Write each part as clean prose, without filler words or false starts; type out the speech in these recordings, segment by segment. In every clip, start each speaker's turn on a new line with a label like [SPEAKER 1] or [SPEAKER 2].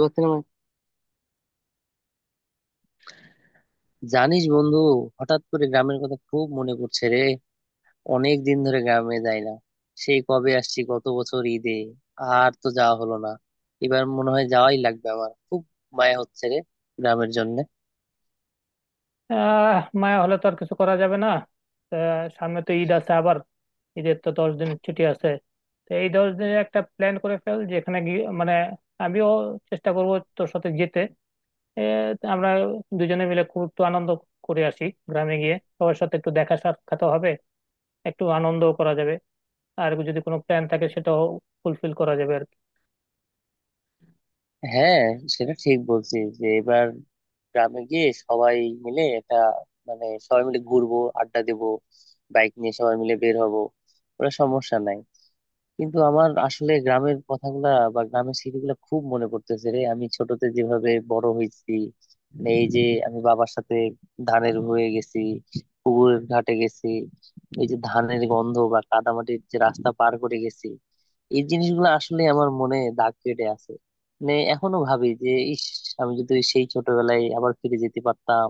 [SPEAKER 1] বলতে না, মানে, জানিস বন্ধু, হঠাৎ করে গ্রামের কথা খুব মনে পড়ছে রে। অনেক দিন ধরে গ্রামে যাই না। সেই কবে আসছি গত বছর ঈদে, আর তো যাওয়া হলো না। এবার মনে হয় যাওয়াই লাগবে। আমার খুব মায়া হচ্ছে রে গ্রামের জন্য।
[SPEAKER 2] মায়া হলে তো আর কিছু করা যাবে না। সামনে তো ঈদ আছে আবার। ঈদের তো 10 দিনের ছুটি আছে। তো এই 10 দিনে একটা প্ল্যান করে ফেল যেখানে গিয়ে মানে আমিও চেষ্টা করব তোর সাথে যেতে। এ, আমরা দুজনে মিলে খুব একটু আনন্দ করে আসি। গ্রামে গিয়ে সবার সাথে একটু দেখা সাক্ষাৎ হবে, একটু আনন্দও করা যাবে, আর যদি কোনো প্ল্যান থাকে সেটাও ফুলফিল করা যাবে আর কি।
[SPEAKER 1] হ্যাঁ, সেটা ঠিক বলছিস যে এবার গ্রামে গিয়ে সবাই মিলে একটা, মানে সবাই মিলে ঘুরবো, আড্ডা দেবো, বাইক নিয়ে সবাই মিলে বের হবো, ওটা সমস্যা নাই। কিন্তু আমার আসলে গ্রামের কথাগুলা বা গ্রামের স্মৃতিগুলা খুব মনে পড়তেছে রে। আমি ছোটতে যেভাবে বড় হয়েছি, মানে এই যে আমি বাবার সাথে ধানের হয়ে গেছি, পুকুরের ঘাটে গেছি, এই যে ধানের গন্ধ বা কাদামাটির যে রাস্তা পার করে গেছি, এই জিনিসগুলো আসলে আমার মনে দাগ কেটে আছে। মানে এখনো ভাবি যে ইস, আমি যদি সেই ছোটবেলায় আবার ফিরে যেতে পারতাম।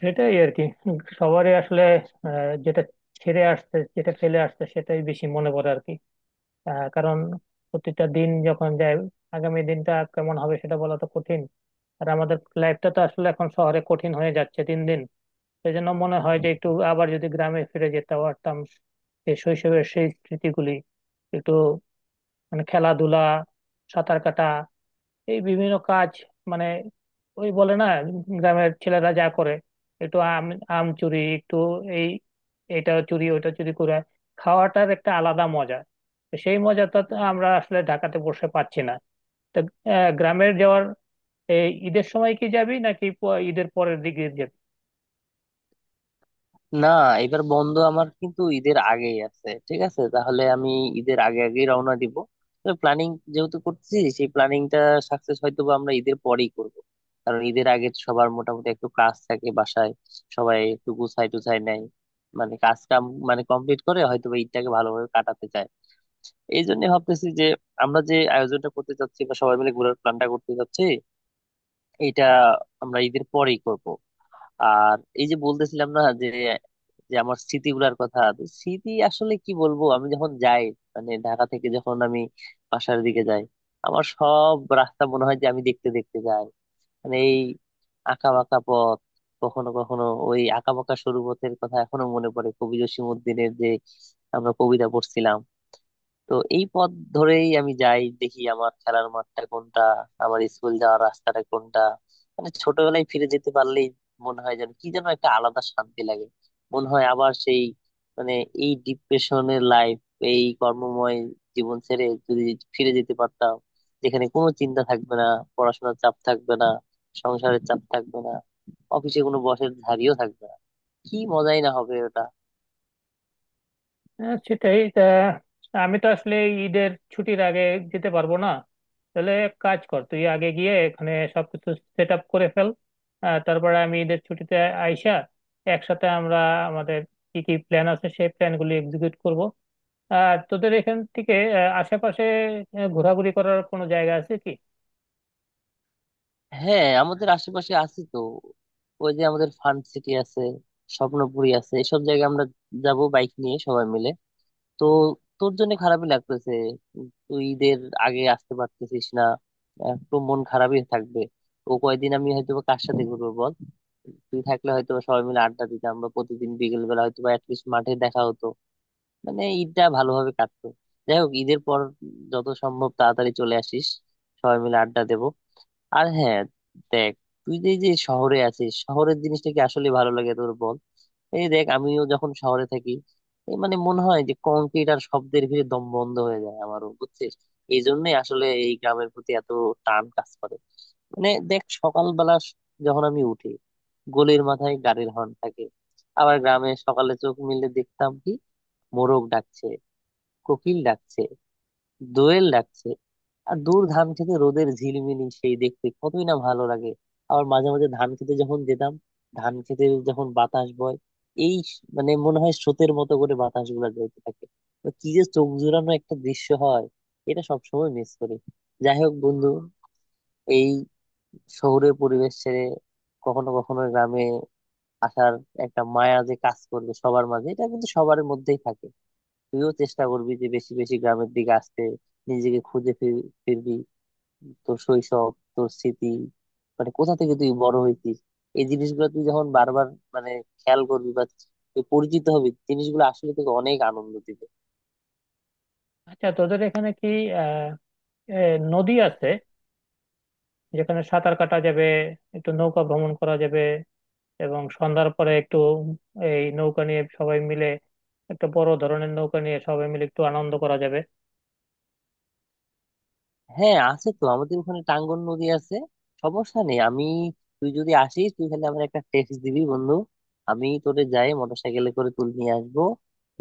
[SPEAKER 2] সেটাই আর কি, সবারই আসলে যেটা ছেড়ে আসছে যেটা ফেলে আসছে সেটাই বেশি মনে পড়ে আর কি। কারণ প্রতিটা দিন যখন যায় আগামী দিনটা কেমন হবে সেটা বলা তো কঠিন। আর আমাদের লাইফটা তো আসলে এখন শহরে কঠিন হয়ে যাচ্ছে দিন দিন। সেই জন্য মনে হয় যে একটু আবার যদি গ্রামে ফিরে যেতে পারতাম সেই শৈশবের সেই স্মৃতিগুলি একটু, মানে খেলাধুলা, সাঁতার কাটা, এই বিভিন্ন কাজ, মানে ওই বলে না গ্রামের ছেলেরা যা করে, একটু আম, আম চুরি একটু, এই এটা চুরি ওইটা চুরি করে খাওয়াটার একটা আলাদা মজা। তো সেই মজাটা তো আমরা আসলে ঢাকাতে বসে পাচ্ছি না। তো গ্রামের যাওয়ার এই ঈদের সময় কি যাবি নাকি ঈদের পরের দিকে যাবি?
[SPEAKER 1] না, এবার বন্ধ আমার কিন্তু ঈদের আগেই আছে। ঠিক আছে, তাহলে আমি ঈদের আগে আগেই রওনা দিব। প্ল্যানিং যেহেতু করতেছি, সেই প্ল্যানিংটা সাকসেস হয়তো বা আমরা ঈদের পরেই করব। কারণ ঈদের আগে তো সবার মোটামুটি একটু কাজ থাকে বাসায়, সবাই একটু গুছাই টুছাই নেয়, মানে কাজ কাম মানে কমপ্লিট করে হয়তো বা ঈদটাকে ভালোভাবে কাটাতে চায়। এই জন্য ভাবতেছি যে আমরা যে আয়োজনটা করতে চাচ্ছি বা সবাই মিলে ঘোরার প্ল্যানটা করতে চাচ্ছি, এটা আমরা ঈদের পরেই করব। আর এই যে বলতেছিলাম না যে যে আমার স্মৃতিগুলার কথা, তো স্মৃতি আসলে কি বলবো, আমি যখন যাই, মানে ঢাকা থেকে যখন আমি বাসার দিকে যাই, আমার সব রাস্তা মনে হয় যে আমি দেখতে দেখতে যাই। মানে এই আঁকা বাঁকা পথ, কখনো কখনো ওই আঁকা বাঁকা সরু পথের কথা এখনো মনে পড়ে কবি জসিম উদ্দিনের, যে আমরা কবিতা পড়ছিলাম। তো এই পথ ধরেই আমি যাই, দেখি আমার খেলার মাঠটা কোনটা, আমার স্কুল যাওয়ার রাস্তাটা কোনটা। মানে ছোটবেলায় ফিরে যেতে পারলেই মনে হয় যেন কি যেন একটা আলাদা শান্তি লাগে। মনে হয় আবার সেই, মানে এই ডিপ্রেশনের লাইফ, এই কর্মময় জীবন ছেড়ে যদি ফিরে যেতে পারতাম, যেখানে কোনো চিন্তা থাকবে না, পড়াশোনার চাপ থাকবে না, সংসারের চাপ থাকবে না, অফিসে কোনো বসের ঝাড়িও থাকবে না, কি মজাই না হবে ওটা।
[SPEAKER 2] হ্যাঁ, সেটাই তা। আমি তো আসলে এই ঈদের ছুটির আগে যেতে পারবো না। তাহলে এক কাজ কর, তুই আগে গিয়ে এখানে সবকিছু সেট আপ করে ফেল। তারপরে আমি ঈদের ছুটিতে আইসা একসাথে আমরা আমাদের কি কি প্ল্যান আছে সেই প্ল্যানগুলি এক্সিকিউট করব। আর তোদের এখান থেকে আশেপাশে ঘোরাঘুরি করার কোনো জায়গা আছে কি?
[SPEAKER 1] হ্যাঁ, আমাদের আশেপাশে আছে তো। ওই যে আমাদের ফান সিটি আছে, স্বপ্নপুরী আছে, এসব জায়গায় আমরা যাব বাইক নিয়ে সবাই মিলে। তো তোর জন্য খারাপই লাগতেছে, তুই ঈদের আগে আসতে পারতেছিস না। একটু মন খারাপই থাকবে। ও কয়দিন আমি হয়তো বা কার সাথে ঘুরবো বল। তুই থাকলে হয়তো বা সবাই মিলে আড্ডা দিতাম বা প্রতিদিন বিকেল বেলা হয়তো বা অ্যাটলিস্ট মাঠে দেখা হতো, মানে ঈদটা ভালোভাবে কাটতো। যাই হোক, ঈদের পর যত সম্ভব তাড়াতাড়ি চলে আসিস, সবাই মিলে আড্ডা দেবো। আর হ্যাঁ, দেখ, তুই যে এই যে শহরে আছিস, শহরের জিনিসটা কি আসলে ভালো লাগে তোর বল। এই দেখ, আমিও যখন শহরে থাকি, এই মানে মনে হয় যে কংক্রিট আর শব্দের ভিড়ে দম বন্ধ হয়ে যায় আমারও, বুঝছিস। এই জন্যই আসলে এই গ্রামের প্রতি এত টান কাজ করে। মানে দেখ, সকালবেলা যখন আমি উঠি, গলির মাথায় গাড়ির হর্ন থাকে। আবার গ্রামে সকালে চোখ মিলে দেখতাম কি, মোরগ ডাকছে, কোকিল ডাকছে, দোয়েল ডাকছে, আর দূর ধান খেতে রোদের ঝিলমিলি, সেই দেখতে কতই না ভালো লাগে। আবার মাঝে মাঝে ধান খেতে যখন যেতাম, ধান খেতে যখন বাতাস বয়, এই মানে মনে হয় স্রোতের মতো করে বাতাস গুলা বইতে থাকে। তো কি যে চোখ জুড়ানো একটা দৃশ্য হয়, এটা সবসময় মিস করি। যাই হোক বন্ধু, এই শহুরে পরিবেশ ছেড়ে কখনো কখনো গ্রামে আসার একটা মায়া যে কাজ করবে সবার মাঝে, এটা কিন্তু সবার মধ্যেই থাকে। তুইও চেষ্টা করবি যে বেশি বেশি গ্রামের দিকে আসতে, নিজেকে খুঁজে ফিরবি। তোর শৈশব, তোর স্মৃতি, মানে কোথা থেকে তুই বড় হইতিস, এই জিনিসগুলো তুই যখন বারবার, মানে খেয়াল করবি বা তুই পরিচিত হবি, জিনিসগুলো আসলে তোকে অনেক আনন্দ দিবে।
[SPEAKER 2] আচ্ছা, তোদের এখানে কি আহ এ, নদী আছে যেখানে সাঁতার কাটা যাবে, একটু নৌকা ভ্রমণ করা যাবে এবং সন্ধ্যার পরে একটু এই নৌকা নিয়ে সবাই মিলে, একটা বড় ধরনের নৌকা নিয়ে সবাই মিলে একটু আনন্দ করা যাবে?
[SPEAKER 1] হ্যাঁ, আছে তো, আমাদের ওখানে টাঙ্গন নদী আছে, সমস্যা নেই। আমি, তুই যদি আসিস তুই খালি আমার একটা টেক্সট দিবি বন্ধু, আমি তোরে যাই মোটরসাইকেলে করে তুলে নিয়ে আসবো।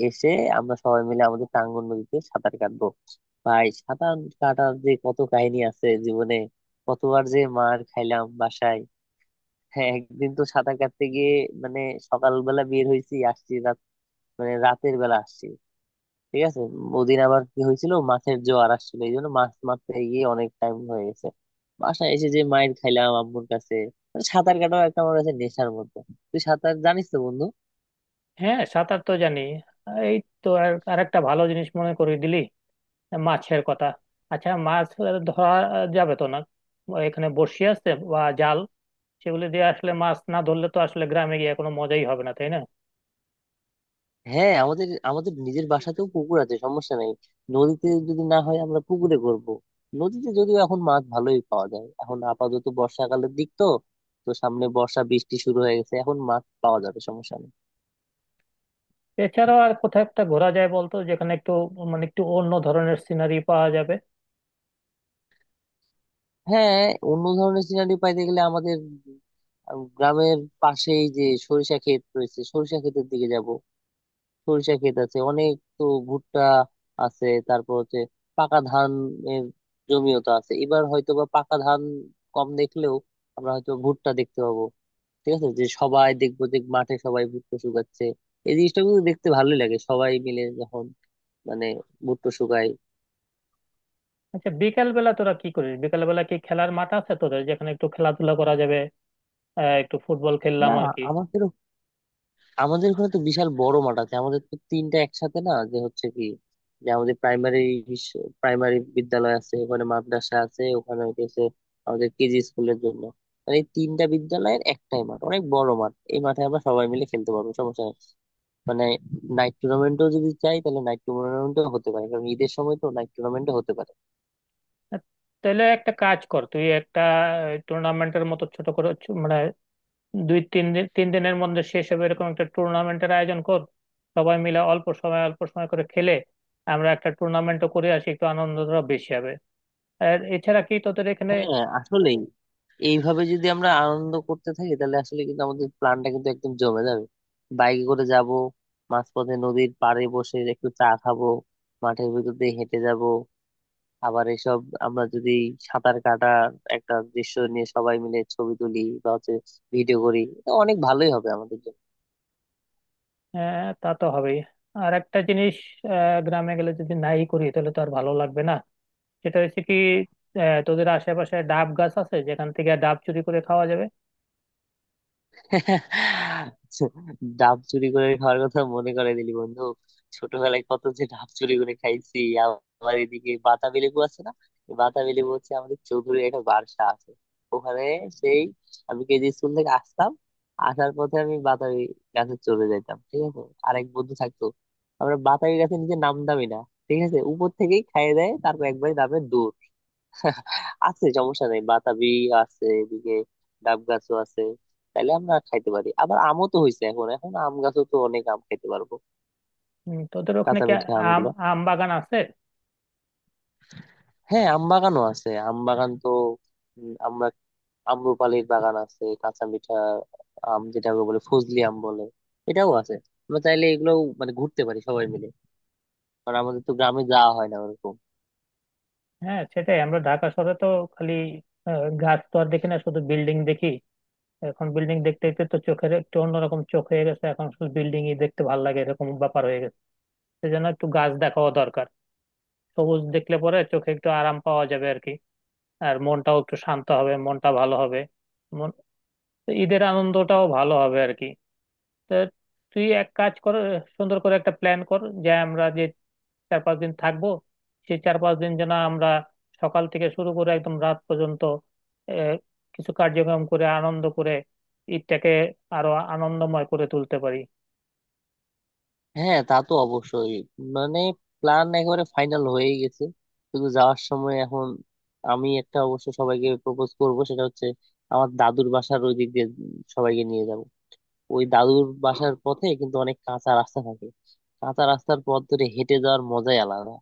[SPEAKER 1] এসে আমরা সবাই মিলে আমাদের টাঙ্গন নদীতে সাঁতার কাটবো। ভাই, সাঁতার কাটার যে কত কাহিনী আছে জীবনে, কতবার যে মার খাইলাম বাসায়। হ্যাঁ, একদিন তো সাঁতার কাটতে গিয়ে, মানে সকালবেলা বের হয়েছি, আসছি রাত, মানে রাতের বেলা আসছি, ঠিক আছে। ওদিন আবার কি হয়েছিল, মাছের জোয়ার আসছিল, এই জন্য মাছ মারতে গিয়ে অনেক টাইম হয়ে গেছে, বাসায় এসে যে মাইর খাইলাম আম্মুর কাছে। মানে সাঁতার কাটাও একটা আমার কাছে নেশার মতো। তুই সাঁতার জানিস তো বন্ধু?
[SPEAKER 2] হ্যাঁ, সাঁতার তো জানি। এই তো আর আরেকটা ভালো জিনিস মনে করিয়ে দিলি, মাছের কথা। আচ্ছা, মাছ ধরা যাবে তো না? এখানে বড়শি আছে বা জাল সেগুলি দিয়ে আসলে মাছ না ধরলে তো আসলে গ্রামে গিয়ে কোনো মজাই হবে না, তাই না?
[SPEAKER 1] হ্যাঁ, আমাদের আমাদের নিজের বাসাতেও পুকুর আছে, সমস্যা নেই। নদীতে যদি না হয় আমরা পুকুরে করব। নদীতে যদিও এখন মাছ ভালোই পাওয়া যায়, এখন আপাতত বর্ষাকালের দিক তো। তো সামনে বর্ষা বৃষ্টি শুরু হয়ে গেছে, এখন মাছ পাওয়া যাবে, সমস্যা নেই।
[SPEAKER 2] এছাড়াও আর কোথাও একটা ঘোরা যায় বলতো, যেখানে একটু মানে একটু অন্য ধরনের সিনারি পাওয়া যাবে?
[SPEAKER 1] হ্যাঁ, অন্য ধরনের সিনারি পাইতে গেলে আমাদের গ্রামের পাশেই যে সরিষা ক্ষেত রয়েছে, সরিষা ক্ষেতের দিকে যাব। সরিষা ক্ষেত আছে অনেক, তো ভুট্টা আছে, তারপর হচ্ছে পাকা ধান, এর জমিও তো আছে। এবার হয়তো বা পাকা ধান কম দেখলেও আমরা হয়তো ভুট্টা দেখতে পাবো। ঠিক আছে, যে সবাই দেখবো যে মাঠে সবাই ভুট্টা শুকাচ্ছে, এই জিনিসটা কিন্তু দেখতে ভালোই লাগে সবাই মিলে যখন, মানে ভুট্টা শুকায়।
[SPEAKER 2] আচ্ছা, বিকেল বেলা তোরা কি করিস? বিকেল বেলা কি খেলার মাঠ আছে তোদের যেখানে একটু খেলাধুলা করা যাবে, একটু ফুটবল খেললাম
[SPEAKER 1] না,
[SPEAKER 2] আর কি?
[SPEAKER 1] আমার আমাদের এখানে তো বিশাল বড় মাঠ আছে। আমাদের তো তিনটা একসাথে, না যে হচ্ছে কি, যে আমাদের প্রাইমারি প্রাইমারি বিদ্যালয় আছে, ওখানে মাদ্রাসা আছে, ওখানে হচ্ছে আমাদের কেজি স্কুলের জন্য, মানে এই তিনটা বিদ্যালয়ের একটাই মাঠ, অনেক বড় মাঠ। এই মাঠে আমরা সবাই মিলে খেলতে পারবো, সমস্যা নেই। মানে নাইট টুর্নামেন্টও যদি চাই তাহলে নাইট টুর্নামেন্টও হতে পারে, কারণ ঈদের সময় তো নাইট টুর্নামেন্টও হতে পারে।
[SPEAKER 2] আহ, তাহলে একটা কাজ কর, তুই একটা টুর্নামেন্টের মতো ছোট করে মানে 2 3 দিন, 3 দিনের মধ্যে শেষ হবে এরকম একটা টুর্নামেন্টের আয়োজন কর। সবাই মিলে অল্প সময় অল্প সময় করে খেলে আমরা একটা টুর্নামেন্টও করে আসি, একটু আনন্দটা বেশি হবে। আর এছাড়া কি তোদের এখানে
[SPEAKER 1] হ্যাঁ, আসলেই এইভাবে যদি আমরা আনন্দ করতে থাকি, তাহলে আসলে কিন্তু আমাদের প্ল্যানটা কিন্তু একদম জমে যাবে। বাইকে করে যাব, মাঝপথে নদীর পাড়ে বসে একটু চা খাবো, মাঠের ভিতর দিয়ে হেঁটে যাব। আবার এসব, আমরা যদি সাঁতার কাটার একটা দৃশ্য নিয়ে সবাই মিলে ছবি তুলি বা হচ্ছে ভিডিও করি, এটা অনেক ভালোই হবে আমাদের জন্য।
[SPEAKER 2] তা তো হবেই। আর একটা জিনিস, গ্রামে গেলে যদি নাই করি তাহলে তো আর ভালো লাগবে না। সেটা হচ্ছে কি, তোদের আশেপাশে ডাব গাছ আছে যেখান থেকে ডাব চুরি করে খাওয়া যাবে?
[SPEAKER 1] ডাব চুরি করে খাওয়ার কথা মনে করে দিলি বন্ধু, ছোটবেলায় কত যে ডাব চুরি করে খাইছি। আবার এদিকে বাতাবি লেবু আছে না, এই বাতাবি লেবু হচ্ছে, আমাদের চৌধুরীর একটা বাসা আছে ওখানে, সেই আমি কেজি স্কুল থেকে আসতাম, আসার পথে আমি বাতাবি গাছে চলে যাইতাম, ঠিক আছে। আরেক বন্ধু থাকতো, আমরা বাতাবি গাছে নিজে নামতামই না, ঠিক আছে, উপর থেকেই খাইয়ে দেয়, তারপর একবারে নামে দৌড়। আছে, সমস্যা নেই, বাতাবি আছে এদিকে, ডাব গাছও আছে, তাইলে আমরা খাইতে পারি। আবার আমও তো হয়েছে এখন, এখন আম গাছও তো অনেক, আম খাইতে পারবো
[SPEAKER 2] হুম, তোদের ওখানে
[SPEAKER 1] কাঁচা
[SPEAKER 2] কি
[SPEAKER 1] মিঠা
[SPEAKER 2] আম,
[SPEAKER 1] আমগুলো।
[SPEAKER 2] আম বাগান আছে?
[SPEAKER 1] হ্যাঁ, আম বাগানও আছে, আম বাগান তো, আমরা, আম্রপালির বাগান আছে, কাঁচা মিঠা আম, যেটা বলে ফজলি আম বলে, এটাও আছে। আমরা চাইলে এগুলো, মানে ঘুরতে পারি সবাই মিলে, কারণ আমাদের তো গ্রামে যাওয়া হয় না ওরকম।
[SPEAKER 2] হ্যাঁ, সেটাই। আমরা ঢাকা শহরে তো খালি গাছ তো আর দেখি না, শুধু বিল্ডিং দেখি। এখন বিল্ডিং দেখতে দেখতে তো চোখের একটু অন্যরকম চোখ হয়ে গেছে, এখন শুধু বিল্ডিং ই দেখতে ভালো লাগে এরকম ব্যাপার হয়ে গেছে। সেজন্য একটু গাছ দেখাও দরকার। সবুজ দেখলে পরে চোখে একটু আরাম পাওয়া যাবে আর কি। আর মনটাও একটু শান্ত হবে, মনটা ভালো হবে, মন- ঈদের আনন্দটাও ভালো হবে আর কি। তো তুই এক কাজ কর, সুন্দর করে একটা প্ল্যান কর যে আমরা যে 4 5 দিন থাকবো সেই 4 5 দিন যেন আমরা সকাল থেকে শুরু করে একদম রাত পর্যন্ত আহ, কিছু কার্যক্রম করে আনন্দ করে ঈদটাকে আরো আনন্দময় করে তুলতে পারি।
[SPEAKER 1] হ্যাঁ, তা তো অবশ্যই, মানে প্ল্যান একেবারে ফাইনাল হয়ে গেছে, শুধু যাওয়ার সময় এখন। আমি একটা অবশ্য সবাইকে প্রপোজ করব, সেটা হচ্ছে আমার দাদুর বাসার ওই দিক দিয়ে সবাইকে নিয়ে যাব। ওই দাদুর বাসার পথে কিন্তু অনেক কাঁচা রাস্তা থাকে, কাঁচা রাস্তার পথ ধরে হেঁটে যাওয়ার মজাই আলাদা,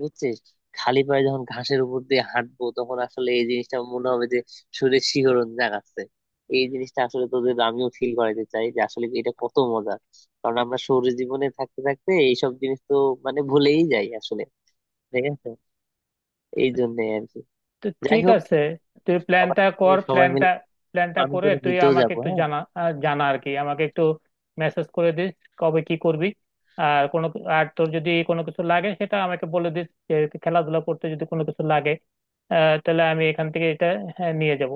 [SPEAKER 1] বুঝছিস। খালি পায়ে যখন ঘাসের উপর দিয়ে হাঁটবো, তখন আসলে এই জিনিসটা মনে হবে যে শরীরে শিহরণ জাগাচ্ছে। এই জিনিসটা আসলে তোদের আমিও ফিল করাতে চাই, যে আসলে এটা কত মজা, কারণ আমরা শহুরে জীবনে থাকতে থাকতে এইসব জিনিস তো, মানে ভুলেই যাই আসলে, ঠিক আছে, এই জন্য আর কি।
[SPEAKER 2] তো
[SPEAKER 1] যাই
[SPEAKER 2] ঠিক
[SPEAKER 1] হোক,
[SPEAKER 2] আছে, তুই
[SPEAKER 1] সবাই
[SPEAKER 2] প্ল্যানটা কর,
[SPEAKER 1] সবাই
[SPEAKER 2] প্ল্যানটা
[SPEAKER 1] মিলে,
[SPEAKER 2] প্ল্যানটা
[SPEAKER 1] আমি
[SPEAKER 2] করে
[SPEAKER 1] তোরে
[SPEAKER 2] তুই
[SPEAKER 1] নিতেও
[SPEAKER 2] আমাকে
[SPEAKER 1] যাবো,
[SPEAKER 2] একটু
[SPEAKER 1] হ্যাঁ।
[SPEAKER 2] জানা, আহ, জানা আর কি আমাকে একটু মেসেজ করে দিস কবে কি করবি। আর কোনো, আর তোর যদি কোনো কিছু লাগে সেটা আমাকে বলে দিস যে খেলাধুলা করতে যদি কোনো কিছু লাগে, আহ তাহলে আমি এখান থেকে এটা হ্যাঁ, নিয়ে যাব।